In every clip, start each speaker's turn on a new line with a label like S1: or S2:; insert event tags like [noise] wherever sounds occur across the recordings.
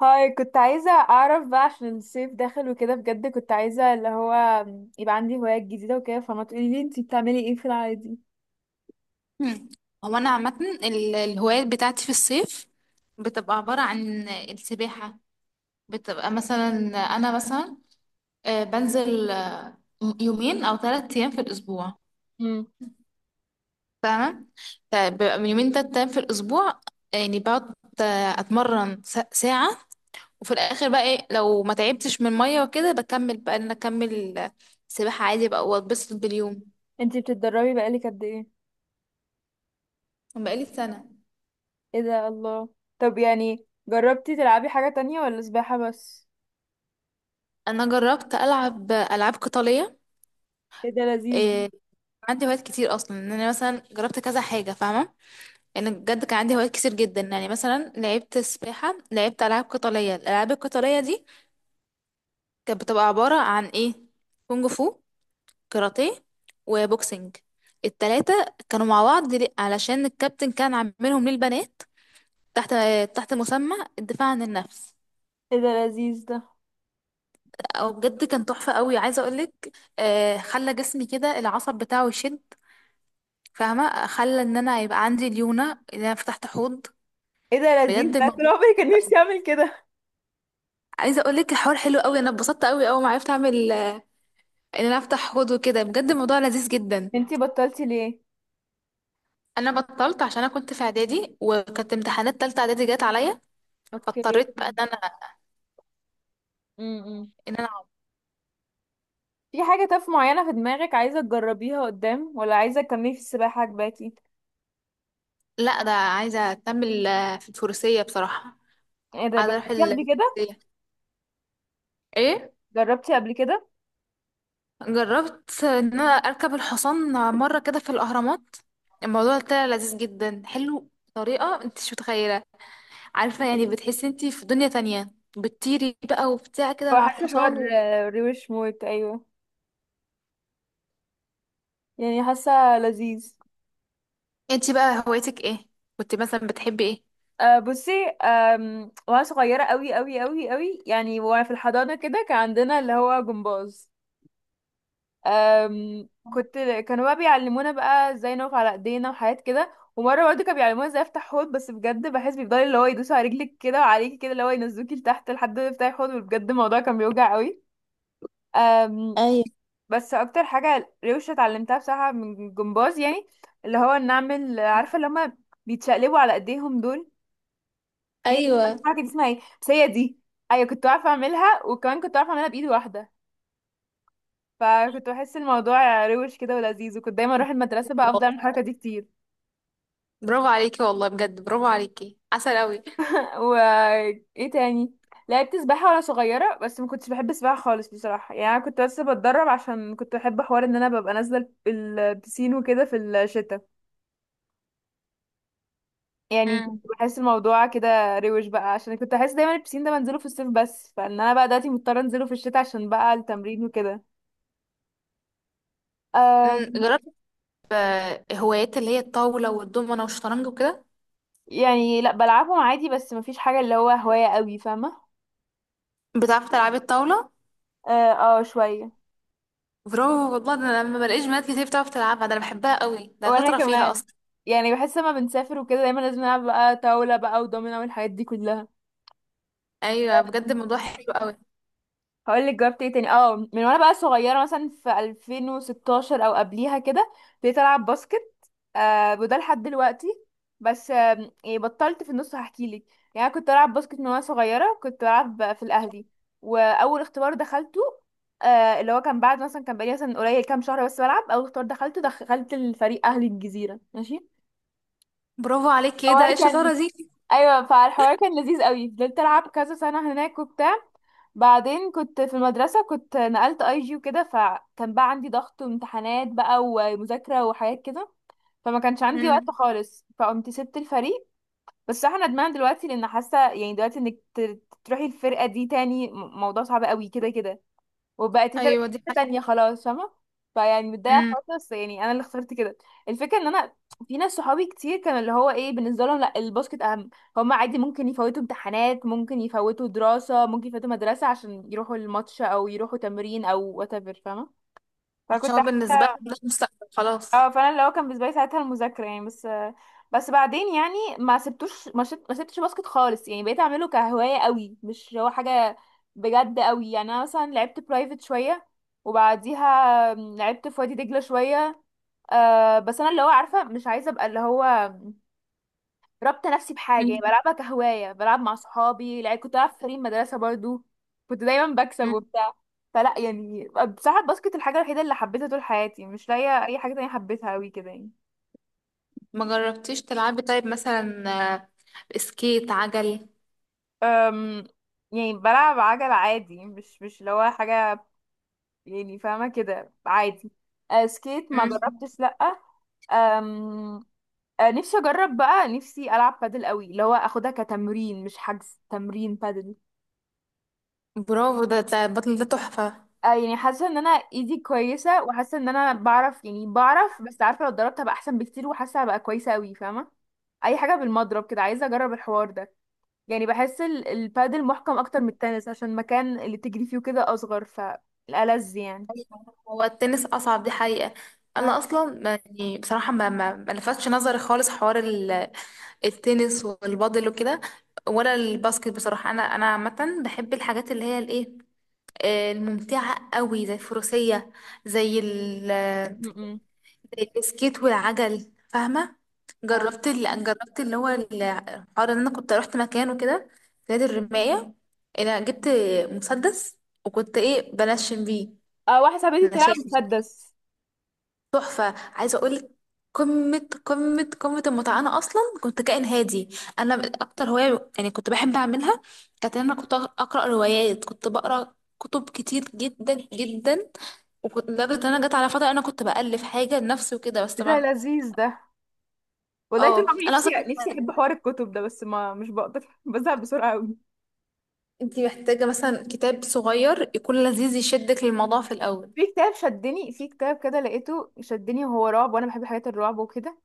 S1: هاي كنت عايزة أعرف بقى عشان الصيف داخل وكده، بجد كنت عايزة اللي هو يبقى عندي هوايات جديدة وكده. فما تقوليلي انتي بتعملي ايه في العادي؟
S2: مم. هو انا عامه الهوايات بتاعتي في الصيف، بتبقى عباره عن السباحه. بتبقى مثلا، انا مثلا بنزل يومين او 3 ايام في الاسبوع.
S1: مم.
S2: تمام. فبيبقى من يومين، 3 ايام في الاسبوع، يعني بقعد اتمرن ساعه، وفي الاخر بقى إيه، لو ما تعبتش من الميه وكده بكمل بقى ان انا اكمل سباحه عادي بقى واتبسط باليوم.
S1: انتي بتتدربي بقالك قد ايه؟
S2: بقالي سنه.
S1: ايه ده الله! طب يعني جربتي تلعبي حاجة تانية ولا سباحة بس؟
S2: انا جربت العب العاب قتاليه.
S1: ايه ده لذيذ ده.
S2: آه، عندي هوايات كتير اصلا، ان انا مثلا جربت كذا حاجه فاهمه، يعني بجد كان عندي هوايات كتير جدا. يعني مثلا لعبت سباحه، لعبت العاب قتاليه. الالعاب القتاليه دي كانت بتبقى عباره عن ايه؟ كونج فو، كاراتيه، وبوكسنج. التلاتة كانوا مع بعض ليه؟ علشان الكابتن كان عاملهم للبنات تحت، تحت مسمى الدفاع عن النفس.
S1: ايه ده لذيذ ده.
S2: او بجد كان تحفه قوي، عايزه اقولك. خلى جسمي كده العصب بتاعه يشد، فاهمه، خلى ان انا يبقى عندي ليونه، ان انا فتحت حوض.
S1: ايه ده لذيذ
S2: بجد
S1: ده، طول
S2: الموضوع،
S1: عمري كان نفسي اعمل كده.
S2: عايزه اقول لك الحوار حلو قوي، انا اتبسطت قوي اول ما عرفت اعمل ان انا افتح حوض وكده، بجد الموضوع لذيذ جدا.
S1: انتي بطلتي ليه؟
S2: انا بطلت عشان انا كنت في اعدادي، وكانت امتحانات تالتة اعدادي جت عليا.
S1: اوكي.
S2: فاضطريت بقى ان انا
S1: مم.
S2: ان انا
S1: في حاجة طف معينة في دماغك عايزة تجربيها قدام ولا عايزة تكملي في السباحة عجباكي؟
S2: لا ده عايزه اكمل في الفروسيه بصراحه.
S1: ايه ده،
S2: عايزه اروح
S1: جربتيها قبل كده؟
S2: الفروسيه. ايه.
S1: جربتي قبل كده؟
S2: جربت ان انا اركب الحصان مره كده في الاهرامات. الموضوع طلع لذيذ جدا، حلو بطريقه انت مش متخيله. عارفه، يعني بتحسي انت في دنيا تانية، بتطيري بقى وبتاع كده
S1: هو
S2: مع
S1: حاسه حوار
S2: الحصان.
S1: روش موت، ايوه. يعني حاسه لذيذ.
S2: انتي بقى هوايتك ايه؟ كنت مثلا بتحبي ايه؟
S1: أه بصي. وانا صغيره قوي قوي قوي قوي، يعني وانا في الحضانه كده كان عندنا اللي هو جمباز. كنت كانوا بقى بيعلمونا بقى ازاي نقف على ايدينا وحاجات كده. ومره برضه كانوا بيعلمونا ازاي افتح حوض، بس بجد بحس بيفضلوا اللي هو يدوسوا على رجلك كده وعليكي كده اللي هو ينزلوكي لتحت لحد ما تفتحي حوض. وبجد الموضوع كان بيوجع قوي.
S2: ايوه،
S1: بس اكتر حاجه روشه اتعلمتها بصراحه من الجمباز يعني اللي هو ان اعمل عارفه اللي هما بيتشقلبوا على ايديهم دول. هي
S2: ايوه.
S1: الحركه دي اسمها ايه بس؟ هي دي. ايوه، كنت عارفه اعملها وكمان كنت عارفه اعملها بايد واحده. فكنت بحس الموضوع روش كده ولذيذ، وكنت دايما اروح المدرسه بقى افضل اعمل الحركه دي كتير.
S2: برافو عليكي، والله بجد برافو عليكي، عسل قوي.
S1: و ايه تاني؟ لعبت سباحه وانا صغيره بس ما كنتش بحب السباحه خالص بصراحه. يعني أنا كنت بس بتدرب عشان كنت بحب حوار ان انا ببقى نازله البسين وكده في الشتاء يعني.
S2: امم.
S1: بحس الموضوع كده روش بقى عشان كنت احس دايما البسين ده بنزله في الصيف بس، فان انا بقى دلوقتي مضطره انزله في الشتاء عشان بقى التمرين وكده. آه.
S2: جربت هوايات اللي هي الطاوله والدومنه والشطرنج وكده.
S1: يعني لا بلعبهم عادي بس مفيش حاجه اللي هو هوايه قوي فاهمه.
S2: بتعرفي تلعبي الطاوله؟
S1: اه. شويه.
S2: برافو والله، ده انا لما بلاقيش بنات كتير بتعرف تلعبها، ده انا بحبها قوي، ده
S1: وانا
S2: شاطره فيها
S1: كمان
S2: اصلا.
S1: يعني بحس لما بنسافر وكده دايما لازم نلعب بقى طاوله بقى ودومينو والحاجات دي كلها.
S2: ايوه بجد الموضوع حلو قوي.
S1: هقول لك جربت ايه تاني. اه من وانا بقى صغيره مثلا في 2016 او قبليها كده ابتديت العب باسكت. آه وده لحد دلوقتي بس آه، يعني بطلت في النص هحكي لك. يعني أنا كنت العب باسكت من وانا صغيره، كنت بلعب في الاهلي. واول اختبار دخلته آه اللي هو كان بعد مثلا كان بقالي مثلا قليل كام شهر بس بلعب، اول اختبار دخلته دخلت الفريق اهلي الجزيره ماشي.
S2: برافو عليكي، ايه ده، ايه
S1: الحوار كان،
S2: الشطاره دي.
S1: ايوه، فالحوار كان لذيذ قوي. فضلت العب كذا سنه هناك وبتاع. بعدين كنت في المدرسه، كنت نقلت اي جي وكده، فكان بقى عندي ضغط وامتحانات بقى ومذاكره وحاجات كده. فما كانش عندي وقت
S2: امم.
S1: خالص فقمت سبت الفريق. بس انا ندمان دلوقتي لان حاسه يعني دلوقتي انك تروحي الفرقه دي تاني، موضوع صعب قوي كده كده. وبقت فرق
S2: ايوه دي حاجه.
S1: تانية خلاص فاهمة. فيعني متضايقة
S2: امم.
S1: الحوار ده، بس يعني أنا اللي اخترت كده. الفكرة إن أنا في ناس صحابي كتير كانوا اللي هو إيه بالنسبة لهم، لأ الباسكت أهم. هما عادي ممكن يفوتوا امتحانات، ممكن يفوتوا دراسة، ممكن يفوتوا مدرسة عشان يروحوا الماتش أو يروحوا تمرين أو whatever فاهمة.
S2: عشان
S1: فكنت
S2: هو
S1: حاسة،
S2: بالنسبه لي ده مستقبل خلاص.
S1: اه فانا اللي هو كان بالنسبه لي ساعتها المذاكره يعني بس. بس بعدين يعني ما سبتوش ما, شت... ما سبتش باسكت خالص يعني، بقيت اعمله كهوايه قوي مش هو حاجه بجد قوي يعني. انا مثلا لعبت برايفت شويه، وبعديها لعبت في وادي دجله شويه. آه بس انا اللي هو عارفه مش عايزه ابقى اللي هو ربط نفسي بحاجه، يعني بلعبها كهوايه بلعب مع صحابي لعب. كنت بلعب في فريق مدرسه برضو، كنت دايما بكسب
S2: امم.
S1: وبتاع. فلا يعني بصراحه الباسكت الحاجه الوحيده اللي حبيتها طول حياتي، مش لاقيه اي حاجه تانية حبيتها قوي كده يعني.
S2: ما جربتيش تلعبي طيب مثلا آه، سكيت عجل؟
S1: أم، يعني بلعب عجل عادي، مش اللي هو حاجة يعني فاهمة كده عادي. أه سكيت ما
S2: مم.
S1: جربتش لأ. أم، أه نفسي أجرب بقى، نفسي ألعب بادل قوي اللي هو أخدها كتمرين، مش حجز تمرين بادل.
S2: برافو، ده البطل ده تحفة.
S1: أه يعني حاسة إن أنا إيدي كويسة وحاسة إن أنا بعرف، يعني بعرف بس عارفة لو اتدربت هبقى أحسن بكتير، وحاسة هبقى كويسة قوي فاهمة. أي حاجة بالمضرب كده عايزة أجرب الحوار ده. يعني بحس البادل محكم اكتر من التنس عشان المكان اللي تجري فيه كده اصغر فالألذ يعني.
S2: أيوة. هو التنس أصعب دي حقيقة.
S1: اه.
S2: أنا أصلا يعني بصراحة ما لفتش نظري خالص حوار التنس والبادل وكده، ولا الباسكت بصراحة. أنا عامة بحب الحاجات اللي هي الإيه، الممتعة قوي، زي الفروسية، زي
S1: م-م.
S2: زي البسكيت والعجل، فاهمة.
S1: اه.
S2: جربت جربت اللي هو الحوار ان انا كنت رحت مكان وكده، في نادي الرماية. انا جبت مسدس وكنت ايه، بنشن بيه،
S1: واحدة صاحبتي
S2: نشان.
S1: بتلعب مسدس.
S2: تحفة، عايزة اقولك. قمة قمة قمة المتعة. أنا أصلا كنت كائن هادي، أنا. أكتر هواية يعني كنت بحب أعملها، كانت إن أنا كنت أقرأ روايات. كنت بقرأ كتب كتير جدا جدا، وكنت لدرجة إن أنا جت على فترة أنا كنت بألف حاجة لنفسي وكده، بس
S1: إيه ده
S2: طبعا.
S1: لذيذ ده، والله طول
S2: اه
S1: عمري
S2: انا اصلا،
S1: نفسي نفسي احب حوار الكتب ده بس ما مش بقدر [laughs] بزهق بسرعه قوي.
S2: انت محتاجه مثلا كتاب صغير يكون لذيذ يشدك للموضوع في الاول.
S1: في كتاب شدني، في كتاب كده لقيته شدني وهو رعب وانا بحب حاجات الرعب وكده،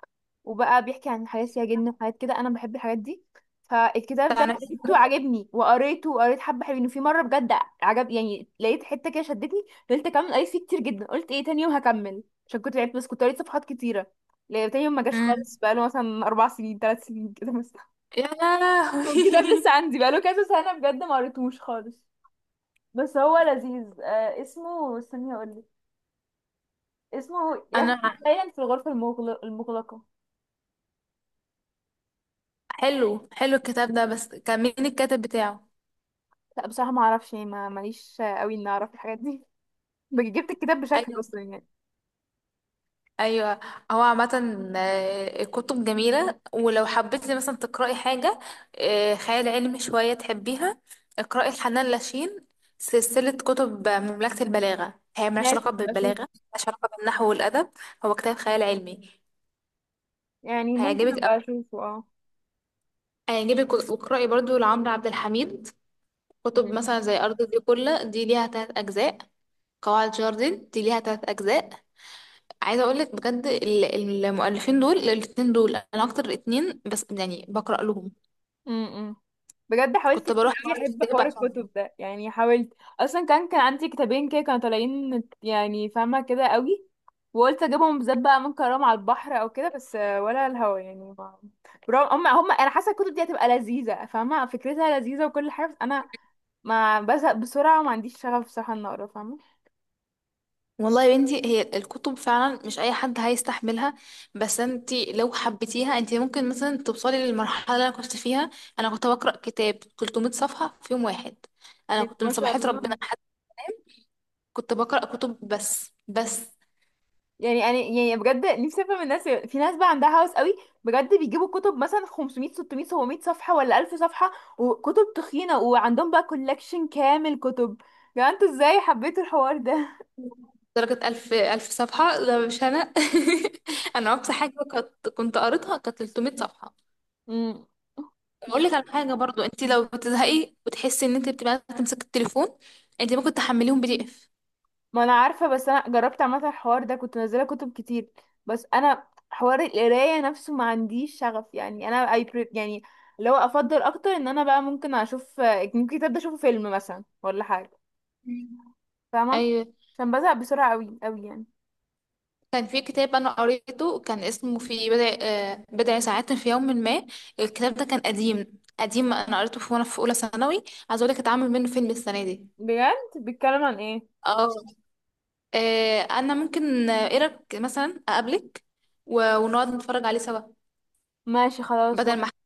S1: وبقى بيحكي عن حاجات فيها جن وحاجات كده انا بحب الحاجات دي. فالكتاب ده
S2: بتاع نفس.
S1: جبته عجبني وقريته، وقريت حبه حلوين، وفي مره بجد عجب يعني، لقيت حته كده شدتني فضلت اكمل قريت فيه كتير جدا. قلت ايه تاني يوم هكمل عشان كنت لعبت بس كنت قريت صفحات كتيره. لا تاني يوم ما جاش خالص،
S2: مم.
S1: بقاله مثلا اربع سنين ثلاث سنين كده مثلا.
S2: يا
S1: [laughs] والكتاب
S2: لهوي
S1: لسه
S2: [laughs]
S1: عندي بقاله كذا سنه بجد ما قريتهوش خالص. بس هو لذيذ. آه اسمه استني اقول لك. اسمه يخت
S2: انا؟
S1: سايلنت في الغرفه المغلقه.
S2: حلو حلو الكتاب ده، بس كان مين الكاتب بتاعه؟
S1: لا بصراحة ما اعرفش يعني ما ماليش قوي اني اعرف الحاجات دي. [laughs] جبت الكتاب بشكل
S2: ايوه،
S1: اصلا يعني.
S2: ايوه. هو عامه كتب جميله، ولو حبيتي مثلا تقراي حاجه خيال علمي شويه تحبيها، اقراي الحنان لاشين. سلسله كتب مملكه البلاغه، هي ملهاش
S1: ماشي
S2: علاقه
S1: هبقى اشوف.
S2: بالبلاغه، ملهاش علاقه بالنحو والادب، هو كتاب خيال علمي.
S1: يعني ممكن
S2: هيعجبك أوي.
S1: ابقى اشوفه اه.
S2: هيعجبك. واقرأي برضو لعمرو عبد الحميد كتب، مثلا زي أرض الكلة دي ليها 3 أجزاء، قواعد جاردن دي ليها 3 أجزاء. عايزة أقولك بجد المؤلفين دول الاتنين، دول أنا أكتر اتنين بس يعني بقرأ لهم.
S1: امم. بجد حاولت
S2: كنت
S1: كتير
S2: بروح
S1: قوي
S2: معرض
S1: احب
S2: الكتاب
S1: حوار
S2: عشانهم.
S1: الكتب ده يعني، حاولت اصلا. كان عندي كتابين كده كانوا طالعين يعني فاهمة كده قوي، وقلت اجيبهم بالذات بقى ممكن اقراهم على البحر او كده بس ولا الهوا يعني ما. برغم هم انا حاسه الكتب دي هتبقى لذيذه فاهمه، فكرتها لذيذه وكل حاجه، بس انا ما بزهق بسرعه وما عنديش شغف بصراحه ان اقرا فاهمه.
S2: والله يا بنتي، هي الكتب فعلا مش أي حد هيستحملها، بس انتي لو حبيتيها انتي ممكن مثلا توصلي للمرحلة اللي أنا كنت فيها. أنا كنت بقرأ كتاب 300 صفحة في يوم واحد. أنا كنت من
S1: ما شاء
S2: صباحات
S1: الله.
S2: ربنا كنت بقرأ كتب، بس.
S1: يعني انا يعني بجد نفسي افهم الناس، في ناس بقى عندها هوس قوي بجد بيجيبوا كتب مثلا 500 600 700 صفحه، ولا 1000 صفحه، وكتب تخينه وعندهم بقى كولكشن كامل كتب. يعني انتوا ازاي حبيتوا الحوار ده؟
S2: درجة ألف ألف صفحة ده مش أنا [laughs] أنا أقصى حاجة كنت قريتها، كانت 300 صفحة.
S1: مم.
S2: أقول لك على حاجة برضو، أنت لو بتزهقي وتحسي إن أنت بتبقى عايزة تمسكي التليفون، أنت ممكن تحمليهم PDF.
S1: ما انا عارفه، بس انا جربت عامه الحوار ده كنت منزله كتب كتير. بس انا حوار القرايه نفسه ما عنديش شغف يعني، انا اي بري يعني اللي هو افضل اكتر ان انا بقى ممكن اشوف، ممكن كتاب ده اشوفه فيلم مثلا ولا حاجه فاهمة،
S2: أيوة.
S1: عشان بزهق بسرعة قوي قوي يعني.
S2: كان في كتاب أنا قريته، كان اسمه في بضع بضع ساعات في يوم ما. الكتاب ده كان قديم قديم، أنا قريته في وأنا في أولى ثانوي. عايزة أقول لك اتعمل منه فيلم السنة دي.
S1: بجد؟ بيتكلم عن ايه؟
S2: اه. انا ممكن ايه رايك مثلا اقابلك ونقعد نتفرج عليه سوا،
S1: ماشي خلاص.
S2: بدل ما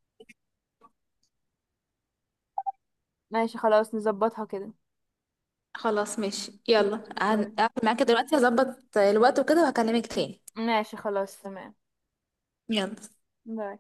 S1: ماشي خلاص نظبطها كده.
S2: خلاص ماشي. يلا،
S1: ماشي باي.
S2: هقفل معاك دلوقتي، هظبط الوقت وكده وهكلمك تاني.
S1: ماشي خلاص تمام.
S2: يلا.
S1: باي.